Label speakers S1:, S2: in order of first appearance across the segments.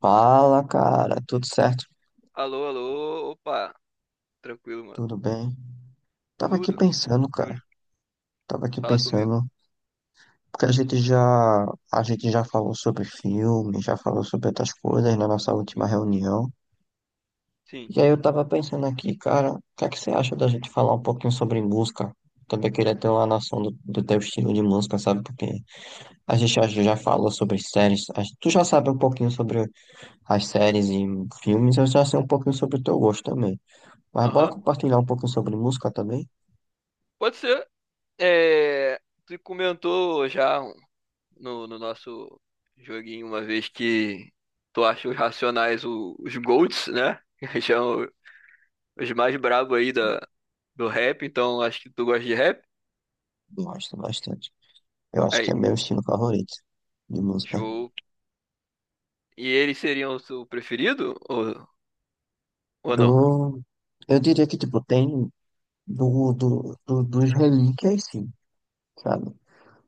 S1: Fala, cara, tudo certo?
S2: Alô, alô, opa, tranquilo, mano.
S1: Tudo bem? Tava aqui
S2: Tudo?
S1: pensando, cara.
S2: Júlio,
S1: Tava aqui
S2: fala comigo.
S1: pensando, porque a gente já falou sobre filme, já falou sobre outras coisas na nossa última reunião.
S2: Sim,
S1: E aí eu tava pensando aqui, cara, o que é que você acha da gente falar um pouquinho sobre música? Também queria ter uma noção do teu estilo de música, sabe? Porque a gente já falou sobre séries. Tu já sabe um pouquinho sobre as séries e filmes, eu já sei um pouquinho sobre o teu gosto também. Mas bora
S2: aham.
S1: compartilhar um pouquinho sobre música também?
S2: Pode ser. É, tu comentou já no nosso joguinho uma vez que tu acha os Racionais os GOATs, né? Que são os mais brabos aí do rap, então acho que tu gosta de rap.
S1: Gosto bastante. Eu acho que é
S2: Aí,
S1: meu estilo favorito de música.
S2: show. E eles seriam o seu preferido ou não?
S1: Do... Eu diria que, tipo, tem dos relíquias, sim, sabe?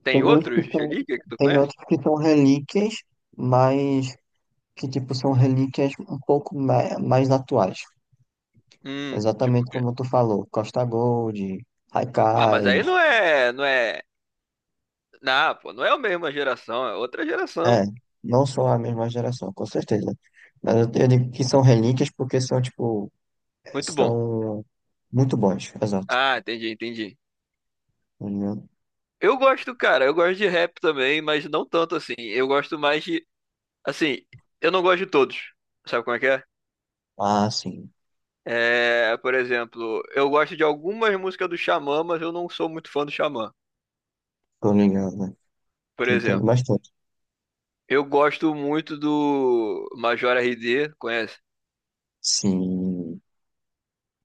S2: Tem
S1: Tem outros que
S2: outros
S1: são,
S2: ali que tu
S1: tem
S2: conhece?
S1: outros que são relíquias, mas que, tipo, são relíquias um pouco mais atuais.
S2: Tipo o
S1: Exatamente
S2: quê?
S1: como tu falou, Costa Gold,
S2: Ah, mas aí
S1: Haikais.
S2: não é, não é. Não, pô, não é a mesma geração, é outra geração.
S1: É, não são a mesma geração, com certeza. Mas eu digo que são relíquias porque
S2: Muito bom.
S1: são muito bons, exato.
S2: Ah, entendi, entendi.
S1: Tô ligado?
S2: Eu gosto, cara, eu gosto de rap também, mas não tanto assim. Eu gosto mais de, assim, eu não gosto de todos. Sabe como é que é?
S1: Ah, sim.
S2: É, por exemplo, eu gosto de algumas músicas do Xamã, mas eu não sou muito fã do Xamã.
S1: Tô ligado, né?
S2: Por
S1: Te entendo
S2: exemplo,
S1: bastante.
S2: eu gosto muito do Major RD, conhece?
S1: Sim.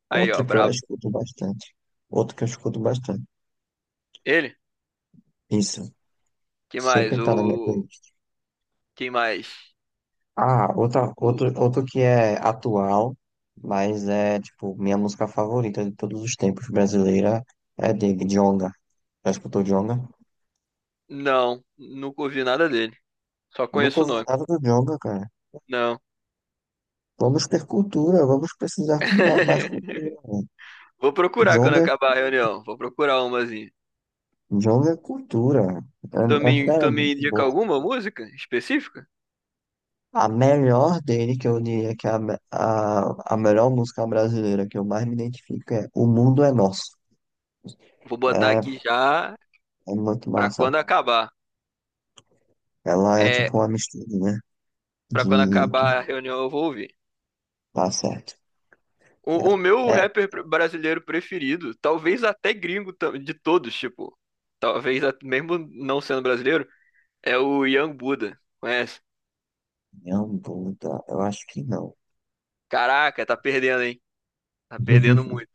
S2: Aí, ó,
S1: Outra que eu
S2: brabo.
S1: escuto bastante. Outra que eu escuto bastante.
S2: Ele?
S1: Isso.
S2: Quem mais?
S1: Sempre tá na minha
S2: O
S1: playlist.
S2: quem mais?
S1: Ah, outra,
S2: O...
S1: outro, outro que é atual, mas é, tipo, minha música favorita de todos os tempos brasileira é de Djonga. Já escutou Djonga?
S2: Não, nunca ouvi nada dele. Só
S1: Nunca
S2: conheço o
S1: ouvi
S2: nome.
S1: nada do Djonga, cara.
S2: Não.
S1: Vamos ter cultura, vamos precisar ter mais cultura, né?
S2: Vou procurar quando
S1: Djonga,
S2: acabar a reunião. Vou procurar umazinha.
S1: Djonga é cultura.
S2: Tu me,
S1: Sério,
S2: tu
S1: é
S2: me
S1: muito
S2: indica
S1: boa.
S2: alguma música específica?
S1: A melhor dele, que eu diria que é a melhor música brasileira que eu mais me identifico é O Mundo é Nosso.
S2: Vou botar
S1: É,
S2: aqui já
S1: é muito
S2: pra quando
S1: massa.
S2: acabar.
S1: Ela é
S2: É,
S1: tipo uma misturinha
S2: pra
S1: de
S2: quando
S1: que
S2: acabar a reunião eu vou ouvir.
S1: tá certo.
S2: O meu
S1: É, é
S2: rapper brasileiro preferido, talvez até gringo de todos, tipo, talvez mesmo não sendo brasileiro, é o Young Buddha. Conhece?
S1: minha bunda, eu acho que não.
S2: Caraca, tá perdendo, hein? Tá perdendo muito.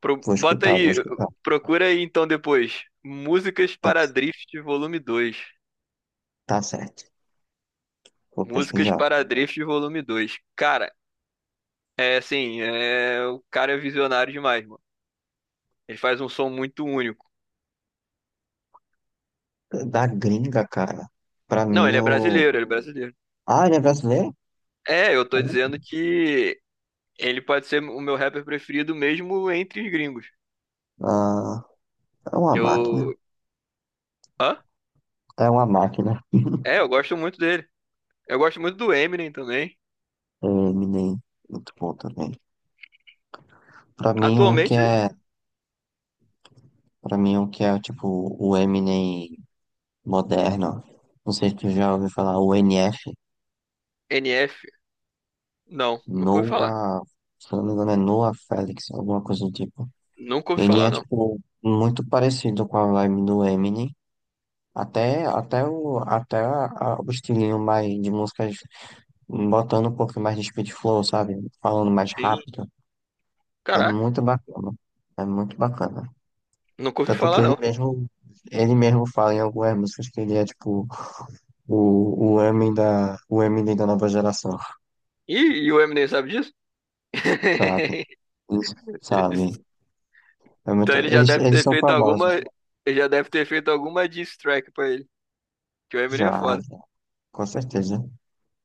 S1: Vou
S2: Bota
S1: escutar, vou
S2: aí,
S1: escutar.
S2: procura aí então depois. Músicas
S1: Tá,
S2: para Drift Volume dois.
S1: tá certo. Vou pesquisar.
S2: Cara, é assim, o cara é visionário demais, mano. Ele faz um som muito único.
S1: Da gringa, cara. Pra
S2: Não,
S1: mim,
S2: ele é
S1: o.
S2: brasileiro, ele é brasileiro.
S1: Ah, ele é brasileiro?
S2: É, eu tô dizendo que ele pode ser o meu rapper preferido mesmo entre os gringos.
S1: Ah, é uma máquina.
S2: Eu. Hã?
S1: É uma máquina.
S2: É, eu gosto muito dele. Eu gosto muito do Eminem também.
S1: É, Eminem, muito bom também. Pra mim, um que
S2: Atualmente,
S1: é, pra mim, um que é tipo o Eminem moderno. Não sei se tu já ouviu falar, o NF,
S2: NF. Não, nunca ouvi falar.
S1: Noah, se eu não me engano, é Noah Felix, alguma coisa do tipo.
S2: Nunca ouvi
S1: Ele
S2: falar,
S1: é
S2: não.
S1: tipo muito parecido com a vibe do Eminem. Até, até, o, até a- O estilinho mais de músicas, botando um pouco mais de speed flow, sabe? Falando mais
S2: E,
S1: rápido. É
S2: Caraca.
S1: muito bacana. É muito bacana.
S2: Nunca ouvi
S1: Tanto que
S2: falar, não.
S1: ele mesmo fala em algumas músicas que ele é tipo O, o Eminem da nova geração,
S2: Ih, e o Eminem sabe disso?
S1: sabe? Eles, sabe? É
S2: Então
S1: muito,
S2: ele já
S1: eles,
S2: deve
S1: eles
S2: ter
S1: são
S2: feito
S1: famosos,
S2: alguma. Ele já deve ter feito alguma diss track pra ele. Que o
S1: já,
S2: Eminem é foda.
S1: já, com certeza.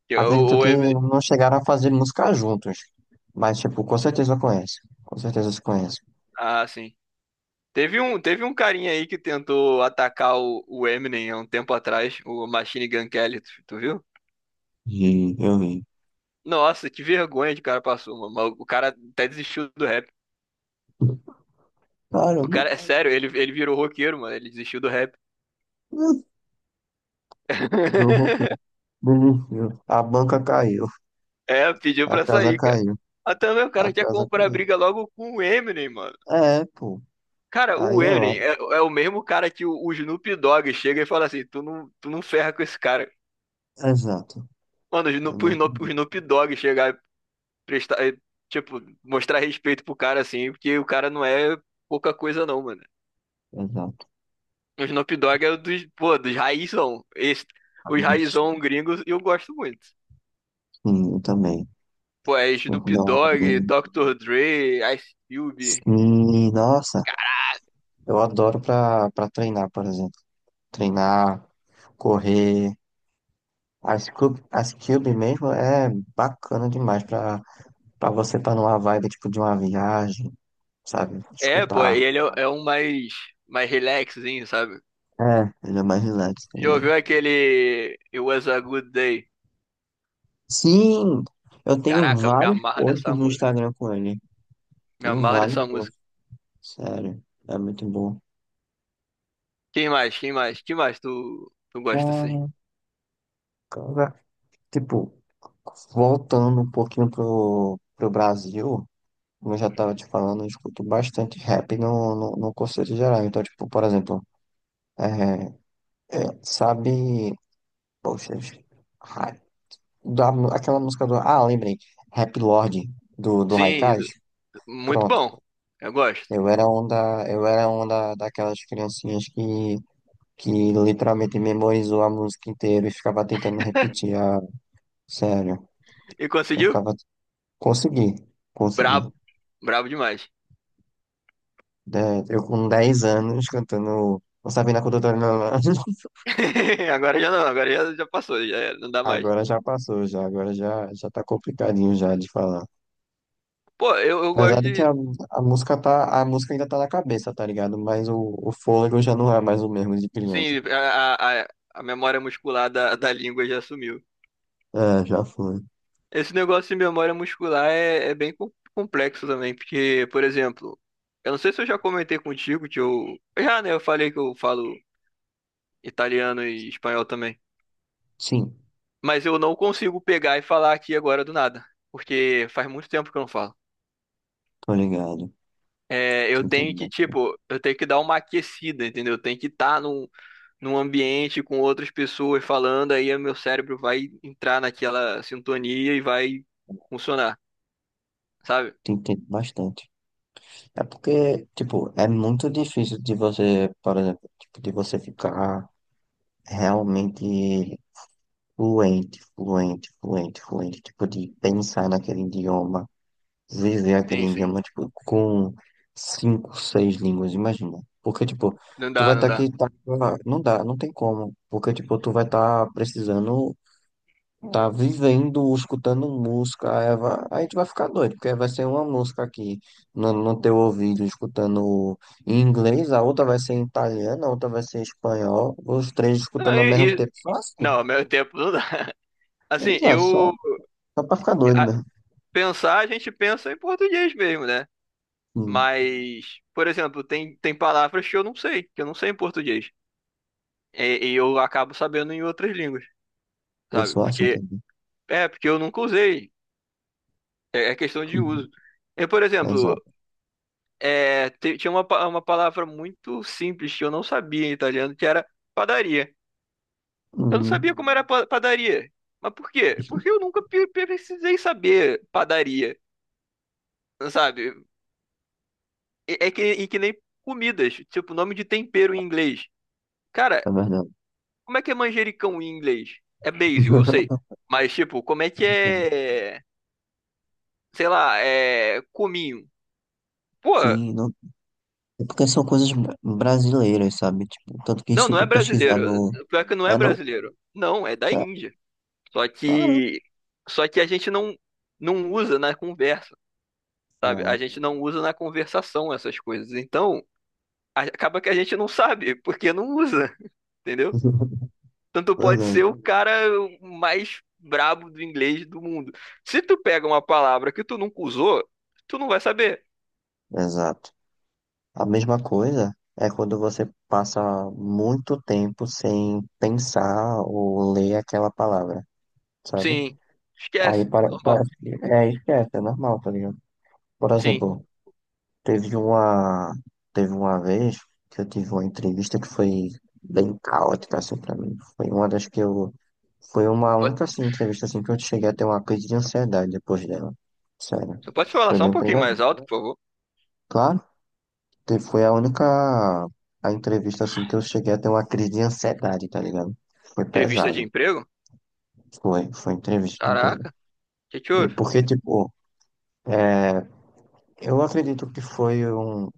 S2: Que o,
S1: Acredito
S2: o
S1: que
S2: Eminem.
S1: não chegaram a fazer música juntos, mas, tipo, com certeza eu conheço. Com certeza se conhece.
S2: Ah, sim. Teve um carinha aí que tentou atacar o Eminem há um tempo atrás, o Machine Gun Kelly, tu viu?
S1: E eu vi.
S2: Nossa, que vergonha de cara passou, mano. Mas o cara até desistiu do rap. O
S1: Caramba,
S2: cara, é sério, ele virou roqueiro, mano. Ele desistiu do rap.
S1: meu roupão desistiu. A banca caiu,
S2: É, pediu
S1: a
S2: pra
S1: casa
S2: sair, cara.
S1: caiu,
S2: Ah, também o
S1: a
S2: cara quer
S1: casa
S2: comprar
S1: caiu.
S2: briga logo com o Eminem, mano.
S1: É, pô,
S2: Cara,
S1: aí
S2: o
S1: é lá.
S2: Eminem é o mesmo cara que o Snoop Dogg chega e fala assim: tu não ferra com esse cara.
S1: Exato.
S2: Mano, o
S1: Eu
S2: Snoop, o
S1: não
S2: Snoop o
S1: acredito.
S2: Snoop Dogg chegar e prestar, e, tipo, mostrar respeito pro cara assim, porque o cara não é pouca coisa, não, mano.
S1: Exato.
S2: O Snoop Dogg é o dos, pô, dos raizão. Os raizão gringos eu gosto muito.
S1: Sim, eu também.
S2: Pô, é Snoop
S1: Dog.
S2: Dogg, Dr. Dre, Ice Cube.
S1: Sim, nossa, eu adoro pra treinar, por exemplo. Treinar, correr. As cube mesmo é bacana demais pra você estar numa vibe tipo de uma viagem, sabe?
S2: É, pô, e
S1: Escutar.
S2: ele é um mais relaxzinho, sabe?
S1: É, ele é mais relax, tá
S2: Já
S1: ligado?
S2: ouviu aquele It Was a Good Day?
S1: Sim, eu tenho
S2: Caraca, me
S1: vários
S2: amarra nessa
S1: posts no
S2: música.
S1: Instagram com ele.
S2: Me
S1: Tenho
S2: amarra
S1: vários
S2: nessa
S1: posts,
S2: música.
S1: sério. É muito bom.
S2: Quem mais? Quem mais? Quem mais tu gosta assim?
S1: Olha, cara, tipo, voltando um pouquinho pro Brasil. Como eu já estava te falando, eu escuto bastante rap no conceito geral. Então, tipo, por exemplo, é, sabe, poxa, ra- aquela música ah, lembrei, Rap Lord do
S2: Sim,
S1: Haikais?
S2: muito
S1: Pronto.
S2: bom. Eu gosto.
S1: Eu era um da, eu era um da, daquelas criancinhas que literalmente memorizou a música inteira e ficava tentando repetir. Ah, sério,
S2: E
S1: eu
S2: conseguiu?
S1: ficava, consegui, consegui.
S2: Brabo. Brabo demais.
S1: Eu com 10 anos cantando, não sabia na condutora, não.
S2: Agora já não, agora já passou, já era, não dá mais.
S1: Agora já passou, já tá complicadinho já de falar.
S2: Pô, eu gosto
S1: Apesar de que
S2: de.
S1: a música ainda tá na cabeça, tá ligado? Mas o fôlego já não é mais o mesmo de criança.
S2: Sim, a, a a memória muscular da língua já sumiu.
S1: É, já foi.
S2: Esse negócio de memória muscular é bem complexo também, porque, por exemplo, eu não sei se eu já comentei contigo que eu. Já, né? Eu falei que eu falo italiano e espanhol também.
S1: Sim,
S2: Mas eu não consigo pegar e falar aqui agora do nada, porque faz muito tempo que eu não falo.
S1: tô ligado.
S2: É,
S1: Te entendo,
S2: tipo, eu tenho que dar uma aquecida, entendeu? Eu tenho que estar num ambiente com outras pessoas falando, aí o meu cérebro vai entrar naquela sintonia e vai funcionar, sabe?
S1: te entendo bastante. É porque, tipo, é muito difícil de você, por exemplo, tipo, de você ficar realmente fluente, fluente, fluente, fluente, tipo, de pensar naquele idioma viver aquele
S2: Sim, sim.
S1: idioma, tipo, com cinco, seis línguas, imagina. Porque, tipo,
S2: Não
S1: tu
S2: dá,
S1: vai
S2: não
S1: estar
S2: dá.
S1: aqui, tá, não dá, não tem como. Porque, tipo, tu vai estar precisando, tá vivendo, escutando música, aí, aí tu vai ficar doido, porque vai ser uma música aqui no teu ouvido, escutando em inglês, a outra vai ser em italiano, a outra vai ser em espanhol, os três
S2: Não,
S1: escutando ao mesmo
S2: E,
S1: tempo, só assim.
S2: Não, meu tempo não dá. Assim,
S1: Exato, só, só pra ficar doido
S2: a-
S1: mesmo.
S2: a gente pensa em português mesmo, né?
S1: Hum,
S2: Mas, por exemplo, tem palavras que eu não sei, que eu não sei em português. E eu acabo sabendo em outras línguas,
S1: eu
S2: sabe?
S1: sou assim
S2: Porque
S1: também.
S2: é porque eu nunca usei. É questão de
S1: Hum,
S2: uso. Eu, por exemplo,
S1: Exato.
S2: tinha uma palavra muito simples que eu não sabia em italiano, que era padaria. Eu não
S1: Hum.
S2: sabia como era padaria. Mas por quê? Porque eu nunca precisei saber padaria sabe? E que nem comidas, tipo, nome de tempero em inglês. Cara,
S1: É verdade.
S2: como é que é manjericão em inglês? É basil, eu sei. Mas, tipo, como é que é, sei lá, é cominho? Pô,
S1: Sim, não. É porque são coisas brasileiras, sabe? Tipo, tanto que
S2: não,
S1: se
S2: não é
S1: tu pesquisar
S2: brasileiro.
S1: no.
S2: Pior que não é
S1: Ah, não?
S2: brasileiro. Não, é da
S1: Sé-
S2: Índia. Só
S1: Claro.
S2: que, só que a gente não usa na conversa, sabe? A
S1: É.
S2: gente não usa na conversação essas coisas. Então, acaba que a gente não sabe, porque não usa, entendeu? Tanto pode
S1: Verdade.
S2: ser o cara mais brabo do inglês do mundo. Se tu pega uma palavra que tu nunca usou, tu não vai saber.
S1: Exato. A mesma coisa é quando você passa muito tempo sem pensar ou ler aquela palavra, sabe?
S2: Sim.
S1: Aí
S2: Esquece. Normal.
S1: parece que é esquece, é normal, tá ligado? Por
S2: Sim.
S1: exemplo, Teve uma, teve uma vez que eu tive uma entrevista que foi bem caótica, assim, pra mim. Foi uma única,
S2: Pode-
S1: assim, entrevista, assim, que eu cheguei a ter uma crise de ansiedade depois dela. Sério.
S2: Você pode falar
S1: Foi
S2: só um
S1: bem
S2: pouquinho
S1: pesado.
S2: mais alto, por favor?
S1: Claro, foi a única, a entrevista, assim, que eu cheguei a ter uma crise de ansiedade, tá ligado? Foi
S2: Entrevista
S1: pesado.
S2: de emprego?
S1: Foi entrevista de emprego.
S2: Caraca, o que que
S1: E
S2: houve?
S1: porque, tipo, eu acredito que foi um,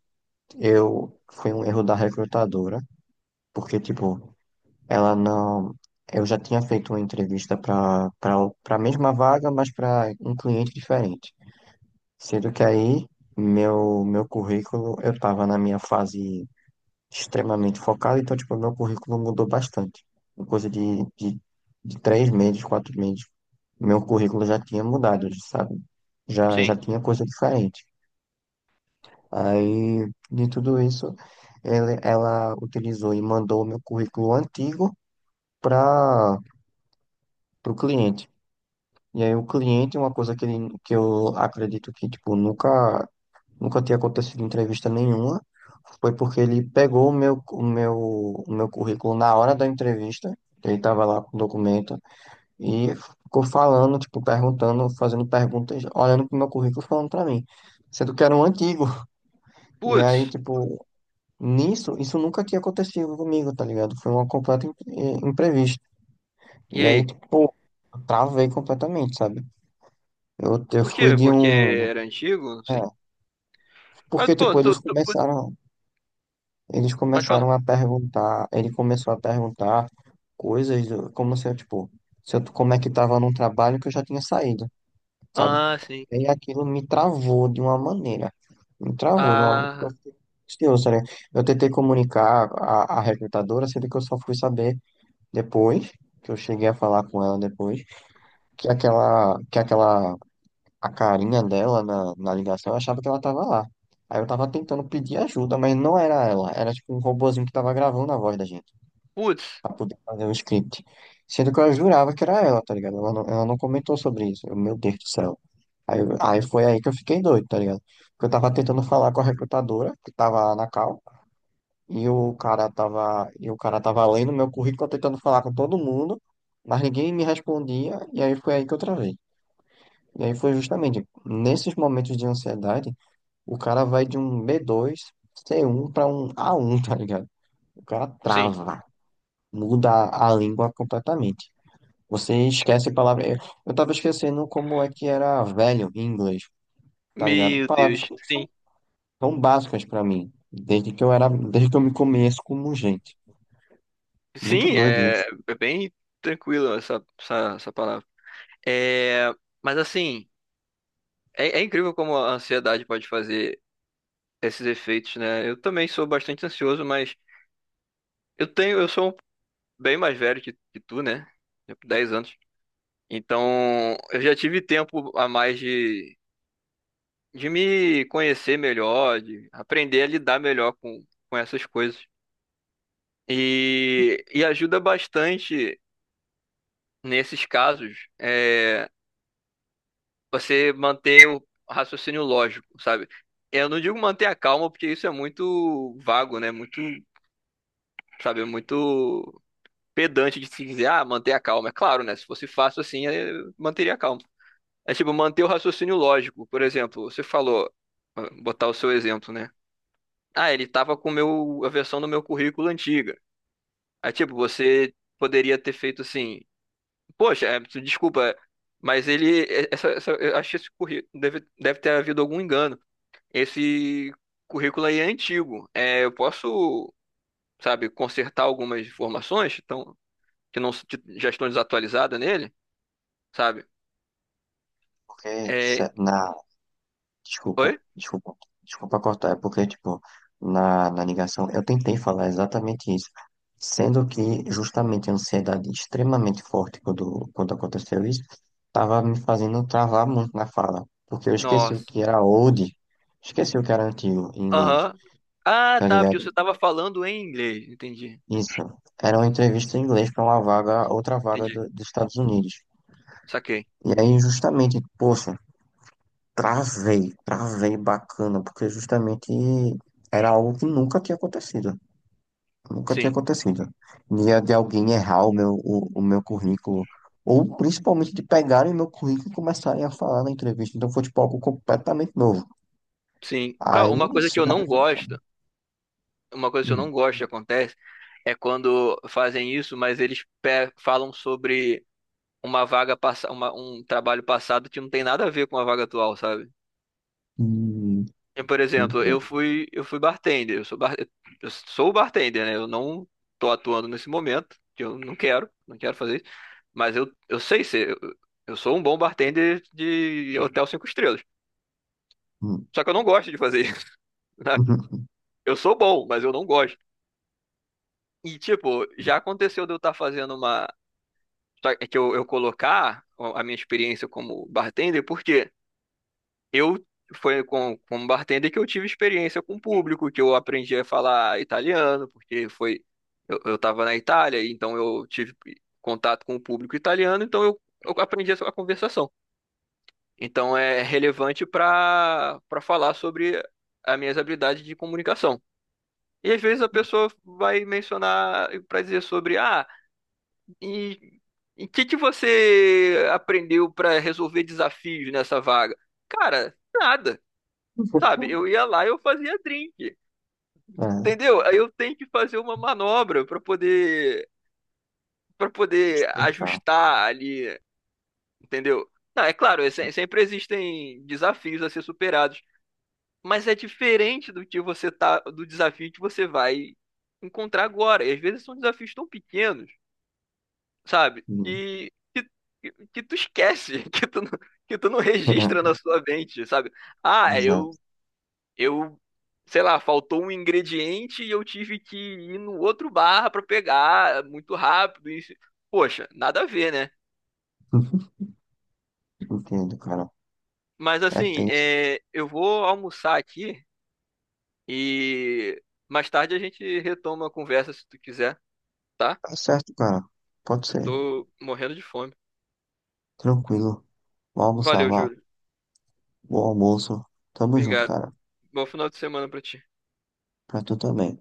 S1: eu, foi um erro da recrutadora. Porque, tipo, ela não. Eu já tinha feito uma entrevista para a mesma vaga, mas para um cliente diferente. Sendo que aí, meu currículo, eu estava na minha fase extremamente focada, então, tipo, meu currículo mudou bastante. Em coisa de 3 meses, 4 meses, meu currículo já tinha mudado, sabe? Já
S2: Sim.
S1: tinha coisa diferente. Aí, de tudo isso, ela utilizou e mandou o meu currículo antigo para o cliente. E aí o cliente, uma coisa que eu acredito que, tipo, nunca, nunca tinha acontecido em entrevista nenhuma, foi porque ele pegou o meu currículo na hora da entrevista, ele estava lá com o documento, e ficou falando, tipo, perguntando, fazendo perguntas, olhando pro meu currículo, falando pra mim, sendo que era um antigo. E aí,
S2: Putz,
S1: tipo, isso nunca tinha acontecido comigo, tá ligado? Foi uma completa imprevista.
S2: e
S1: E aí,
S2: aí?
S1: tipo, eu travei completamente, sabe? Eu
S2: Por
S1: fui
S2: quê?
S1: de
S2: Porque
S1: um...
S2: era antigo? Não
S1: é,
S2: sei. Mas,
S1: Porque,
S2: pô,
S1: tipo,
S2: pode falar.
S1: ele começou a perguntar coisas do- como se eu, tipo, se eu, como é que tava num trabalho que eu já tinha saído, sabe?
S2: Ah, sim.
S1: E aquilo me travou de uma maneira, me travou de uma, porque eu
S2: Ah,
S1: fiquei ansioso, tá. Eu tentei comunicar a recrutadora, sendo que eu só fui saber depois, que eu cheguei a falar com ela depois, que aquela a carinha dela na ligação, eu achava que ela tava lá. Aí eu tava tentando pedir ajuda, mas não era ela. Era tipo um robozinho que tava gravando a voz da gente,
S2: putz,
S1: pra poder fazer o script. Sendo que eu jurava que era ela, tá ligado? Ela não comentou sobre isso. Meu Deus do céu. Aí, aí foi aí que eu fiquei doido, tá ligado? Porque eu tava tentando falar com a recrutadora, que tava lá na cal, e o cara tava lendo meu currículo, tentando falar com todo mundo, mas ninguém me respondia, e aí foi aí que eu travei. E aí foi justamente nesses momentos de ansiedade o cara vai de um B2, C1 pra um A1, tá ligado? O cara
S2: sim.
S1: trava, muda a língua completamente. Você esquece palavras. Eu tava esquecendo como é que era velho em inglês, tá ligado?
S2: Meu Deus,
S1: Palavras que
S2: sim.
S1: são tão básicas pra mim, desde que eu me conheço como gente. Muito
S2: Sim,
S1: doido
S2: é,
S1: isso.
S2: é bem tranquilo essa palavra. É, mas assim, é incrível como a ansiedade pode fazer esses efeitos, né? Eu também sou bastante ansioso, mas eu tenho, eu sou um bem mais velho que tu, né? Tipo, 10 anos. Então, eu já tive tempo a mais de me conhecer melhor, de aprender a lidar melhor com essas coisas. E ajuda bastante nesses casos. Você manter o raciocínio lógico, sabe? Eu não digo manter a calma, porque isso é muito vago, né? Muito, sabe, muito pedante de se dizer, ah, manter a calma. É claro, né? Se fosse fácil assim, eu manteria a calma. É tipo, manter o raciocínio lógico. Por exemplo, você falou, botar o seu exemplo, né? Ah, ele tava com o meu, a versão do meu currículo antiga. Aí, tipo, você poderia ter feito assim, poxa, desculpa, mas ele, eu acho que esse currículo deve ter havido algum engano. Esse currículo aí é antigo. É, eu posso, sabe, consertar algumas informações que, que não que já estão desatualizadas nele, sabe?
S1: Porque de
S2: É,
S1: cer- na Desculpa,
S2: oi?
S1: desculpa, desculpa cortar, é porque, tipo, na ligação eu tentei falar exatamente isso, sendo que justamente a ansiedade extremamente forte quando aconteceu isso, tava me fazendo travar muito na fala, porque eu esqueci o
S2: Nossa.
S1: que era old, esqueci o que era antigo em inglês,
S2: Aham. Ah,
S1: tá
S2: tá, porque
S1: ligado?
S2: você estava falando em inglês. Entendi.
S1: Isso, era uma entrevista em inglês para uma vaga, outra vaga
S2: Entendi.
S1: dos Estados Unidos.
S2: Saquei.
S1: E aí, justamente, poxa, travei, travei bacana, porque justamente era algo que nunca tinha acontecido. Nunca tinha
S2: Sim.
S1: acontecido. Dia de alguém errar o meu, o meu currículo, ou principalmente de pegarem meu currículo e começarem a falar na entrevista. Então foi tipo algo completamente novo.
S2: Sim.
S1: Aí,
S2: Uma coisa que
S1: isso
S2: eu
S1: já
S2: não
S1: já só.
S2: gosto, uma coisa que eu
S1: Hum,
S2: não gosto que acontece é quando fazem isso, mas eles falam sobre um trabalho passado que não tem nada a ver com a vaga atual, sabe?
S1: hum,
S2: Eu, por exemplo,
S1: hum,
S2: eu fui bartender, eu sou bartender, né? Eu não tô atuando nesse momento, que eu não quero, não quero fazer isso, mas eu sei ser, eu, sou um bom bartender de hotel cinco estrelas.
S1: hum.
S2: Só que eu não gosto de fazer isso, né? Eu sou bom, mas eu não gosto. E, tipo, já aconteceu de eu estar fazendo uma. Só que eu colocar a minha experiência como bartender, porque Eu foi como bartender que eu tive experiência com o público, que eu aprendi a falar italiano, porque eu estava na Itália, então eu tive contato com o público italiano, então eu aprendi a conversação. Então é relevante para falar sobre as minhas habilidades de comunicação. E às vezes a pessoa vai mencionar para dizer sobre ah, e e o que que você aprendeu para resolver desafios nessa vaga? Cara, nada. Sabe, eu ia lá e eu fazia drink,
S1: É,
S2: entendeu? Aí eu tenho que fazer uma manobra para poder
S1: explicar.
S2: ajustar ali, entendeu? Não, é claro, sempre existem desafios a ser superados, mas é diferente do que você tá do desafio que você vai encontrar agora. E às vezes são desafios tão pequenos, sabe?
S1: Hum.
S2: Que tu esquece, que tu não registra na sua mente, sabe? Ah,
S1: Exato.
S2: eu, sei lá, faltou um ingrediente e eu tive que ir no outro bar pra pegar muito rápido. E, poxa, nada a ver, né?
S1: Entendo, cara.
S2: Mas
S1: É
S2: assim,
S1: tenso.
S2: é, eu vou almoçar aqui e mais tarde a gente retoma a conversa se tu quiser, tá?
S1: Tá certo, cara. Pode
S2: Eu
S1: ser.
S2: tô morrendo de fome.
S1: Tranquilo. Vou almoçar,
S2: Valeu,
S1: vá.
S2: Júlio.
S1: Bom almoço. Tamo junto,
S2: Obrigado.
S1: cara.
S2: Bom final de semana pra ti.
S1: Pra tu também.